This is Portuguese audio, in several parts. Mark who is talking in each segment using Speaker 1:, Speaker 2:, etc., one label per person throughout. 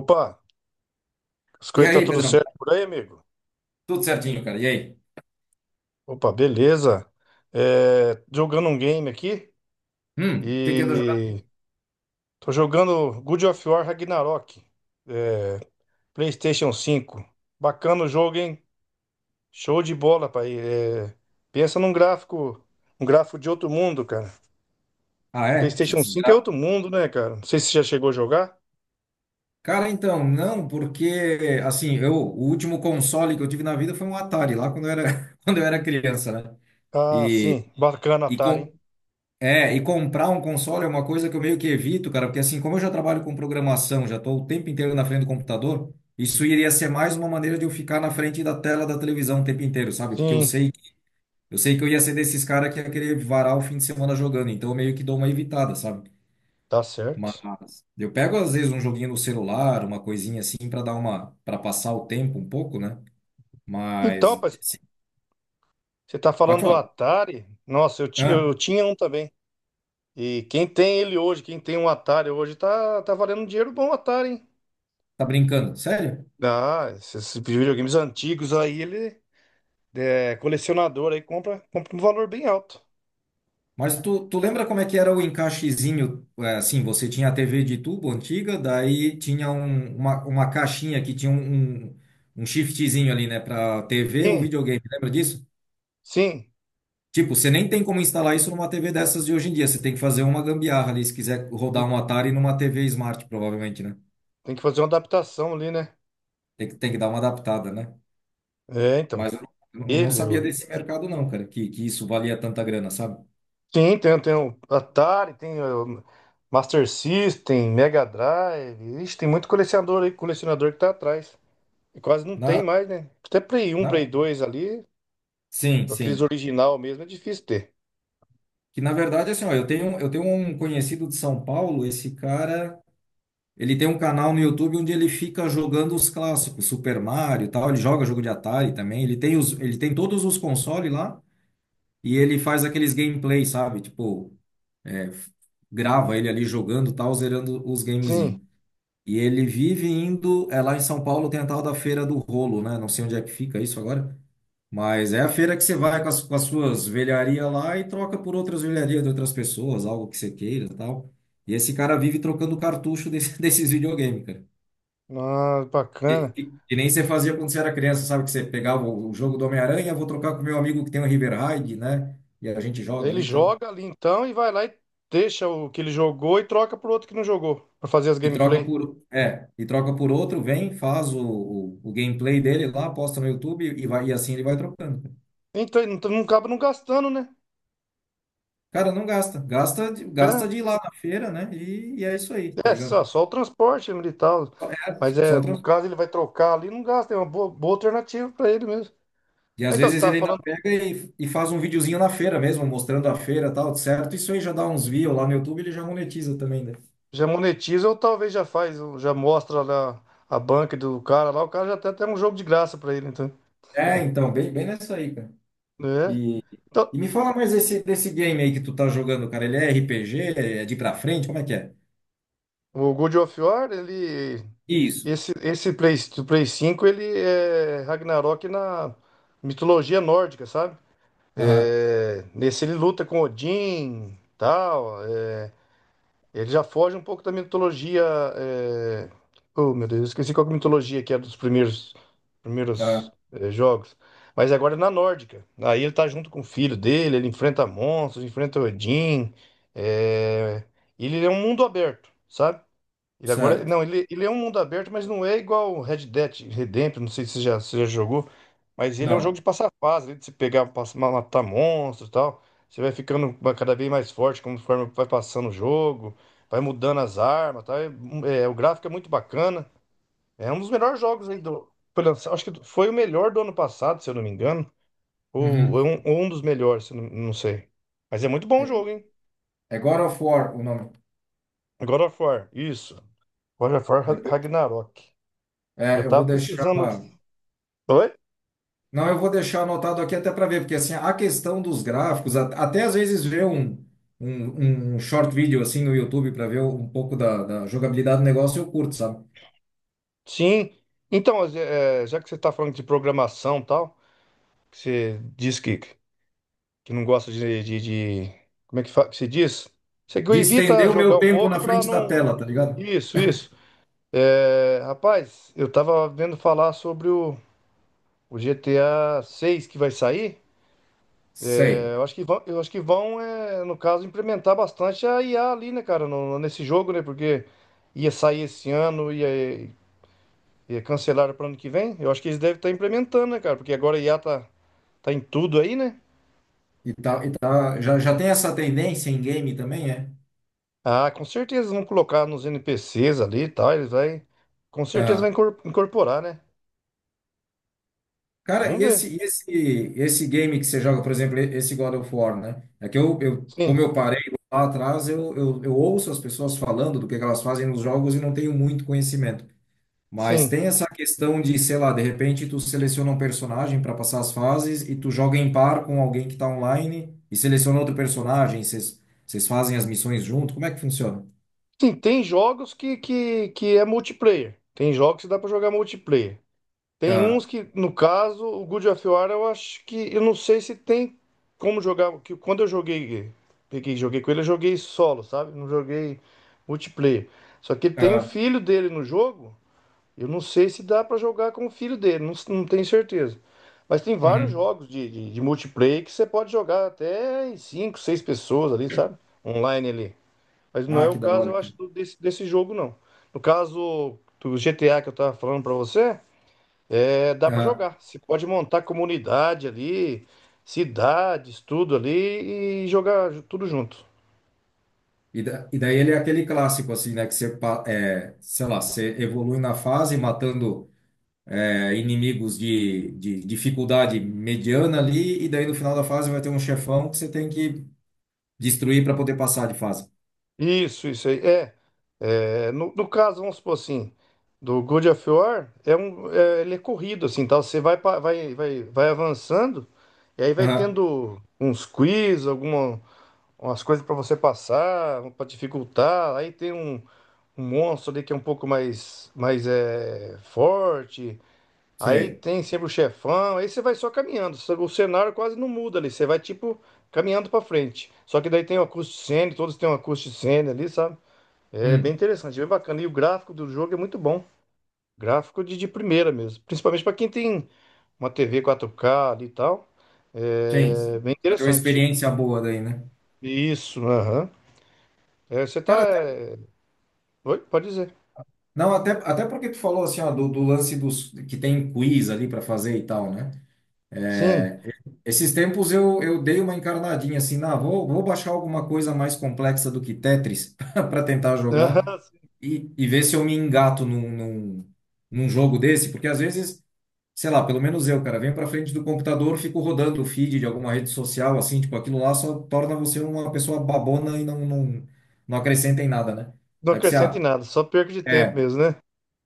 Speaker 1: Opa, as
Speaker 2: E
Speaker 1: coisas tá
Speaker 2: aí,
Speaker 1: tudo
Speaker 2: Pedrão?
Speaker 1: certo por aí, amigo?
Speaker 2: Tudo certinho, cara. E aí?
Speaker 1: Opa, beleza. Jogando um game aqui
Speaker 2: O que que anda jogando?
Speaker 1: e tô jogando Good of War Ragnarok, é, PlayStation cinco. Bacana o jogo, hein? Show de bola, pai. Pensa num gráfico, um gráfico de outro mundo, cara.
Speaker 2: Ah, é? Essa
Speaker 1: PlayStation cinco é outro
Speaker 2: desgraça.
Speaker 1: mundo, né, cara? Não sei se você já chegou a jogar.
Speaker 2: Cara, então, não, porque, assim, eu, o último console que eu tive na vida foi um Atari, lá quando eu era, quando eu era criança, né?
Speaker 1: Ah,
Speaker 2: E,
Speaker 1: sim, bacana,
Speaker 2: e,
Speaker 1: Atari,
Speaker 2: com,
Speaker 1: hein?
Speaker 2: e comprar um console é uma coisa que eu meio que evito, cara, porque, assim, como eu já trabalho com programação, já estou o tempo inteiro na frente do computador, isso iria ser mais uma maneira de eu ficar na frente da tela da televisão o tempo inteiro, sabe? Porque eu
Speaker 1: Sim,
Speaker 2: sei, eu sei que eu ia ser desses caras que ia querer varar o fim de semana jogando, então eu meio que dou uma evitada, sabe?
Speaker 1: tá certo.
Speaker 2: Mas eu pego às vezes um joguinho no celular, uma coisinha assim para dar uma, para passar o tempo um pouco, né? Mas
Speaker 1: Então, pai,
Speaker 2: assim,
Speaker 1: você tá
Speaker 2: pode
Speaker 1: falando do
Speaker 2: falar.
Speaker 1: Atari? Nossa,
Speaker 2: Ah,
Speaker 1: eu tinha um também. E quem tem ele hoje, quem tem um Atari hoje, tá valendo um dinheiro bom, o Atari, hein?
Speaker 2: tá brincando? Sério?
Speaker 1: Ah, esses videogames antigos aí, ele é colecionador aí, compra um valor bem alto.
Speaker 2: Mas tu lembra como é que era o encaixezinho? É, assim, você tinha a TV de tubo antiga, daí tinha uma caixinha que tinha um shiftzinho ali, né, para TV ou
Speaker 1: Sim,
Speaker 2: videogame. Lembra disso?
Speaker 1: sim.
Speaker 2: Tipo, você nem tem como instalar isso numa TV dessas de hoje em dia. Você tem que fazer uma gambiarra ali se quiser rodar
Speaker 1: Tem,
Speaker 2: um Atari numa TV Smart, provavelmente, né?
Speaker 1: tem que fazer uma adaptação ali, né?
Speaker 2: Tem que dar uma adaptada, né?
Speaker 1: É, então.
Speaker 2: Mas eu não
Speaker 1: Ele,
Speaker 2: sabia
Speaker 1: o-
Speaker 2: desse mercado, não, cara, que isso valia tanta grana, sabe?
Speaker 1: sim, tem o Atari, tem o Master System, Mega Drive. Ixi, tem muito colecionador aí, colecionador que tá atrás. E quase não
Speaker 2: Na,
Speaker 1: tem mais, né? Até Play
Speaker 2: na...
Speaker 1: dois ali,
Speaker 2: Sim,
Speaker 1: aqueles
Speaker 2: sim.
Speaker 1: original mesmo, é difícil ter.
Speaker 2: Que na verdade, assim, ó, eu tenho um conhecido de São Paulo, esse cara, ele tem um canal no YouTube onde ele fica jogando os clássicos, Super Mario e tal, ele joga jogo de Atari também, ele tem todos os consoles lá e ele faz aqueles gameplays, sabe? Tipo, é, grava ele ali jogando, e tal, zerando os
Speaker 1: Sim,
Speaker 2: gamezinhos. E ele vive indo, é lá em São Paulo, tem a tal da Feira do Rolo, né? Não sei onde é que fica isso agora, mas é a feira que você vai com as suas velharias lá e troca por outras velharias de outras pessoas, algo que você queira e tal. E esse cara vive trocando desses videogames, cara.
Speaker 1: ah,
Speaker 2: E,
Speaker 1: bacana.
Speaker 2: e, e nem você fazia quando você era criança, sabe? Que você pegava o jogo do Homem-Aranha, vou trocar com meu amigo que tem um River Raid, né? E a gente joga
Speaker 1: Ele
Speaker 2: ali e tal.
Speaker 1: joga ali então e vai lá e deixa o que ele jogou e troca pro outro que não jogou, pra fazer as
Speaker 2: E troca
Speaker 1: gameplay.
Speaker 2: por, é, e troca por outro, vem, faz o gameplay dele lá, posta no YouTube e vai, e assim ele vai trocando.
Speaker 1: Então não acaba não gastando, né?
Speaker 2: Cara, não gasta.
Speaker 1: É,
Speaker 2: Gasta de ir lá na feira, né? E é isso aí, tá ligado?
Speaker 1: só o transporte militar.
Speaker 2: Só- É
Speaker 1: Mas
Speaker 2: só
Speaker 1: é,
Speaker 2: o
Speaker 1: no caso
Speaker 2: transporte.
Speaker 1: ele vai trocar ali, não gasta, é uma boa, boa alternativa para ele mesmo.
Speaker 2: E às
Speaker 1: Então você
Speaker 2: vezes
Speaker 1: tava
Speaker 2: ele ainda
Speaker 1: falando,
Speaker 2: pega e faz um videozinho na feira mesmo, mostrando a feira e tal, certo? Isso aí já dá uns views lá no YouTube, ele já monetiza também, né?
Speaker 1: já monetiza ou talvez já faz, ou já mostra lá a banca do cara lá, o cara já tem até um jogo de graça para ele, então.
Speaker 2: É, então, bem, bem nessa aí, cara.
Speaker 1: Né?
Speaker 2: E,
Speaker 1: Então,
Speaker 2: e me fala mais desse game aí que tu tá jogando, cara. Ele é RPG? É de pra frente? Como é que é?
Speaker 1: o God of War, ele.
Speaker 2: Isso.
Speaker 1: Esse Play, do Play cinco ele é Ragnarok na mitologia nórdica, sabe?
Speaker 2: Aham,
Speaker 1: É, nesse ele luta com Odin, tal. Ele já foge um pouco da mitologia. é, oh, meu Deus, eu esqueci qual que é a mitologia que era dos primeiros
Speaker 2: aham,
Speaker 1: jogos. Mas agora é na nórdica. Aí ele tá junto com o filho dele, ele enfrenta monstros, enfrenta Odin. é, Ele é um mundo aberto, sabe? Ele agora.
Speaker 2: certo.
Speaker 1: Não, ele é um mundo aberto, mas não é igual o Red Dead Redemption. Não sei se você já, se já jogou. Mas ele é um jogo de
Speaker 2: Não.
Speaker 1: passar fase, né, de se pegar, passar, matar monstros e tal. Você vai ficando cada vez mais forte conforme vai passando o jogo. Vai mudando as armas, tá? O gráfico é muito bacana. É um dos melhores jogos aí do. Foi lançado, acho que foi o melhor do ano passado, se eu não me engano. Ou,
Speaker 2: Uhum.
Speaker 1: ou um dos melhores, se eu não, não sei. Mas é muito bom
Speaker 2: É,
Speaker 1: o jogo, hein?
Speaker 2: é God of War o nome.
Speaker 1: God of War, isso. God of War
Speaker 2: Depois,
Speaker 1: Ragnarok. E eu
Speaker 2: é, eu vou
Speaker 1: tava
Speaker 2: deixar.
Speaker 1: pesquisando. Oi?
Speaker 2: Não, eu vou deixar anotado aqui até para ver, porque assim, a questão dos gráficos, até às vezes ver um short video assim no YouTube para ver um pouco da jogabilidade do negócio, eu curto, sabe?
Speaker 1: Sim. Então, já que você está falando de programação e tal, que você diz que não gosta de- como é que, que se diz? Você que
Speaker 2: De
Speaker 1: evita
Speaker 2: estender o
Speaker 1: jogar
Speaker 2: meu
Speaker 1: um
Speaker 2: tempo
Speaker 1: pouco
Speaker 2: na
Speaker 1: para
Speaker 2: frente da
Speaker 1: não.
Speaker 2: tela, tá ligado?
Speaker 1: Isso, isso. Rapaz, eu tava vendo falar sobre o GTA 6 que vai sair.
Speaker 2: Sei.
Speaker 1: Eu acho que vão, no caso, implementar bastante a IA ali, né, cara, nesse jogo, né? Porque ia sair esse ano, ia, e cancelaram para ano que vem? Eu acho que eles devem estar implementando, né, cara? Porque agora a tá em tudo aí, né?
Speaker 2: Já tem essa tendência em game também, é?
Speaker 1: Ah, com certeza eles vão colocar nos NPCs ali e tal. Eles vai. Com certeza vai
Speaker 2: Ah,
Speaker 1: incorporar, né?
Speaker 2: cara,
Speaker 1: Vamos
Speaker 2: e
Speaker 1: ver.
Speaker 2: esse, e esse, esse game que você joga, por exemplo, esse God of War, né? É que eu
Speaker 1: Sim,
Speaker 2: como eu parei lá atrás, eu ouço as pessoas falando do que elas fazem nos jogos e não tenho muito conhecimento. Mas
Speaker 1: sim.
Speaker 2: tem essa questão de, sei lá, de repente tu seleciona um personagem para passar as fases e tu joga em par com alguém que tá online e seleciona outro personagem, vocês fazem as missões junto, como é que funciona?
Speaker 1: Sim, tem jogos que é multiplayer. Tem jogos que dá para jogar multiplayer. Tem uns
Speaker 2: Ah,
Speaker 1: que, no caso, o Good of War, eu acho que. Eu não sei se tem como jogar. Que quando eu joguei. Peguei, e joguei com ele, eu joguei solo, sabe? Não joguei multiplayer. Só que tem o
Speaker 2: ah,
Speaker 1: filho dele no jogo. Eu não sei se dá pra jogar com o filho dele. Não, não tenho certeza. Mas tem vários
Speaker 2: uhum.
Speaker 1: jogos de multiplayer que você pode jogar até em 5, 6 pessoas ali, sabe? Online ali. Mas não é
Speaker 2: Ah,
Speaker 1: o
Speaker 2: que da
Speaker 1: caso,
Speaker 2: hora,
Speaker 1: eu
Speaker 2: cara.
Speaker 1: acho, desse, desse jogo, não. No caso do GTA que eu tava falando pra você. É, dá pra
Speaker 2: Ah,
Speaker 1: jogar. Você pode montar comunidade ali, cidades, tudo ali e jogar tudo junto.
Speaker 2: e daí ele é aquele clássico, assim, né, que você, sei lá, você evolui na fase matando inimigos de dificuldade mediana ali e daí no final da fase vai ter um chefão que você tem que destruir para poder passar de fase.
Speaker 1: Isso aí. No, no caso, vamos supor assim, do God of War, ele é corrido, assim, tal. Você vai, vai avançando e aí vai
Speaker 2: Ah,
Speaker 1: tendo uns quiz, alguma, umas coisas para você passar, para dificultar. Aí tem um, um monstro ali que é um pouco mais forte. Aí
Speaker 2: sei.
Speaker 1: tem sempre o chefão, aí você vai só caminhando. O cenário quase não muda ali, você vai tipo caminhando pra frente. Só que daí tem uma acústico cena, todos têm uma acústico cena ali, sabe? É bem
Speaker 2: Hum,
Speaker 1: interessante, bem bacana. E o gráfico do jogo é muito bom. Gráfico de primeira mesmo. Principalmente pra quem tem uma TV 4K ali e tal.
Speaker 2: sim.
Speaker 1: É
Speaker 2: Assim,
Speaker 1: bem
Speaker 2: vai ter uma
Speaker 1: interessante.
Speaker 2: experiência boa daí, né?
Speaker 1: Isso, aham. É, você tá.
Speaker 2: Cara, até,
Speaker 1: Oi, pode dizer.
Speaker 2: não, até porque tu falou assim, ó, do lance dos que tem quiz ali para fazer e tal, né?
Speaker 1: Sim.
Speaker 2: É, esses tempos eu dei uma encarnadinha assim, na vou baixar alguma coisa mais complexa do que Tetris para tentar jogar
Speaker 1: Aham, sim.
Speaker 2: e ver se eu me engato num jogo desse, porque às vezes sei lá, pelo menos eu, cara, venho pra frente do computador, fico rodando o feed de alguma rede social, assim, tipo, aquilo lá só torna você uma pessoa babona e não acrescenta em nada, né?
Speaker 1: Não
Speaker 2: Aí você,
Speaker 1: acrescenta em nada, só perca de tempo
Speaker 2: é,
Speaker 1: mesmo, né?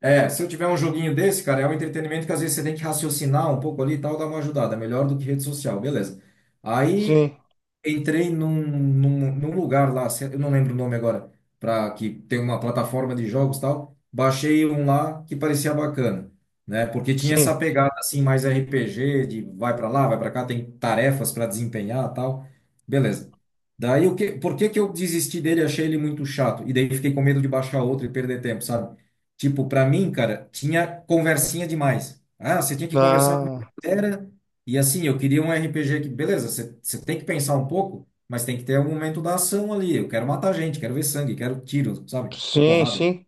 Speaker 2: se eu tiver um joguinho desse, cara, é um entretenimento que às vezes você tem que raciocinar um pouco ali e tal, dá uma ajudada, melhor do que rede social, beleza. Aí,
Speaker 1: Sim,
Speaker 2: entrei num lugar lá, eu não lembro o nome agora, para que tem uma plataforma de jogos e tal. Baixei um lá que parecia bacana, né? Porque tinha essa
Speaker 1: sim.
Speaker 2: pegada assim mais RPG de vai para lá, vai para cá, tem tarefas para desempenhar, e tal. Beleza. Daí o que, por que que eu desisti dele, achei ele muito chato e daí fiquei com medo de baixar outro e perder tempo, sabe? Tipo, para mim, cara, tinha conversinha demais. Ah, você tinha que conversar com uma
Speaker 1: Ah.
Speaker 2: galera e assim, eu queria um RPG que, beleza, você tem que pensar um pouco, mas tem que ter um momento da ação ali. Eu quero matar gente, quero ver sangue, quero tiro, sabe?
Speaker 1: Sim,
Speaker 2: Porrada.
Speaker 1: sim,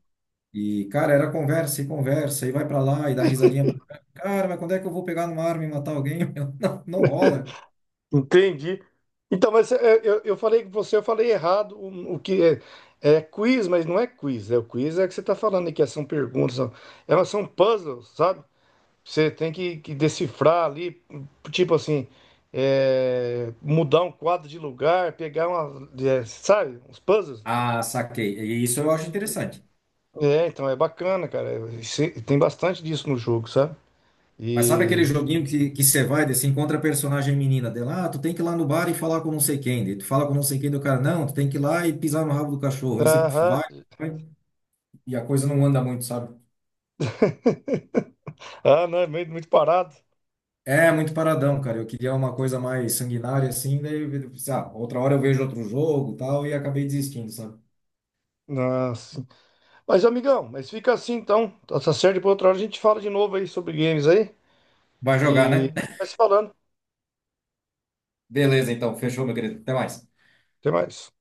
Speaker 2: E, cara, era conversa e conversa, e vai pra lá e dá risadinha pra cá. Cara, mas quando é que eu vou pegar numa arma e matar alguém? Meu, não, não rola.
Speaker 1: entendi. Então, mas é, eu falei com você, eu falei errado o que é, é quiz, mas não é quiz. É o quiz é que você está falando aqui, é, são perguntas, elas são puzzles, sabe? Você tem que decifrar ali, tipo assim, mudar um quadro de lugar, pegar uma, sabe, uns puzzles.
Speaker 2: Ah, saquei. E isso eu acho interessante.
Speaker 1: É, então é bacana, cara. Tem bastante disso no jogo, sabe?
Speaker 2: Mas sabe
Speaker 1: E.
Speaker 2: aquele joguinho que você vai, daí você encontra a personagem menina dela, ah, tu tem que ir lá no bar e falar com não sei quem. Daí tu fala com não sei quem do cara, não, tu tem que ir lá e pisar no rabo do cachorro. Aí você
Speaker 1: Aham.
Speaker 2: vai, e a coisa não anda muito, sabe?
Speaker 1: Ah, não, é muito parado.
Speaker 2: É muito paradão, cara. Eu queria uma coisa mais sanguinária assim, daí eu pensei, ah, outra hora eu vejo outro jogo, e tal, e acabei desistindo, sabe?
Speaker 1: Nossa. Mas, amigão, mas fica assim então. Tá certo, depois outra hora a gente fala de novo aí sobre games aí.
Speaker 2: Vai jogar,
Speaker 1: E
Speaker 2: né?
Speaker 1: vai se falando.
Speaker 2: Beleza, então, fechou, meu querido. Até mais.
Speaker 1: Até mais.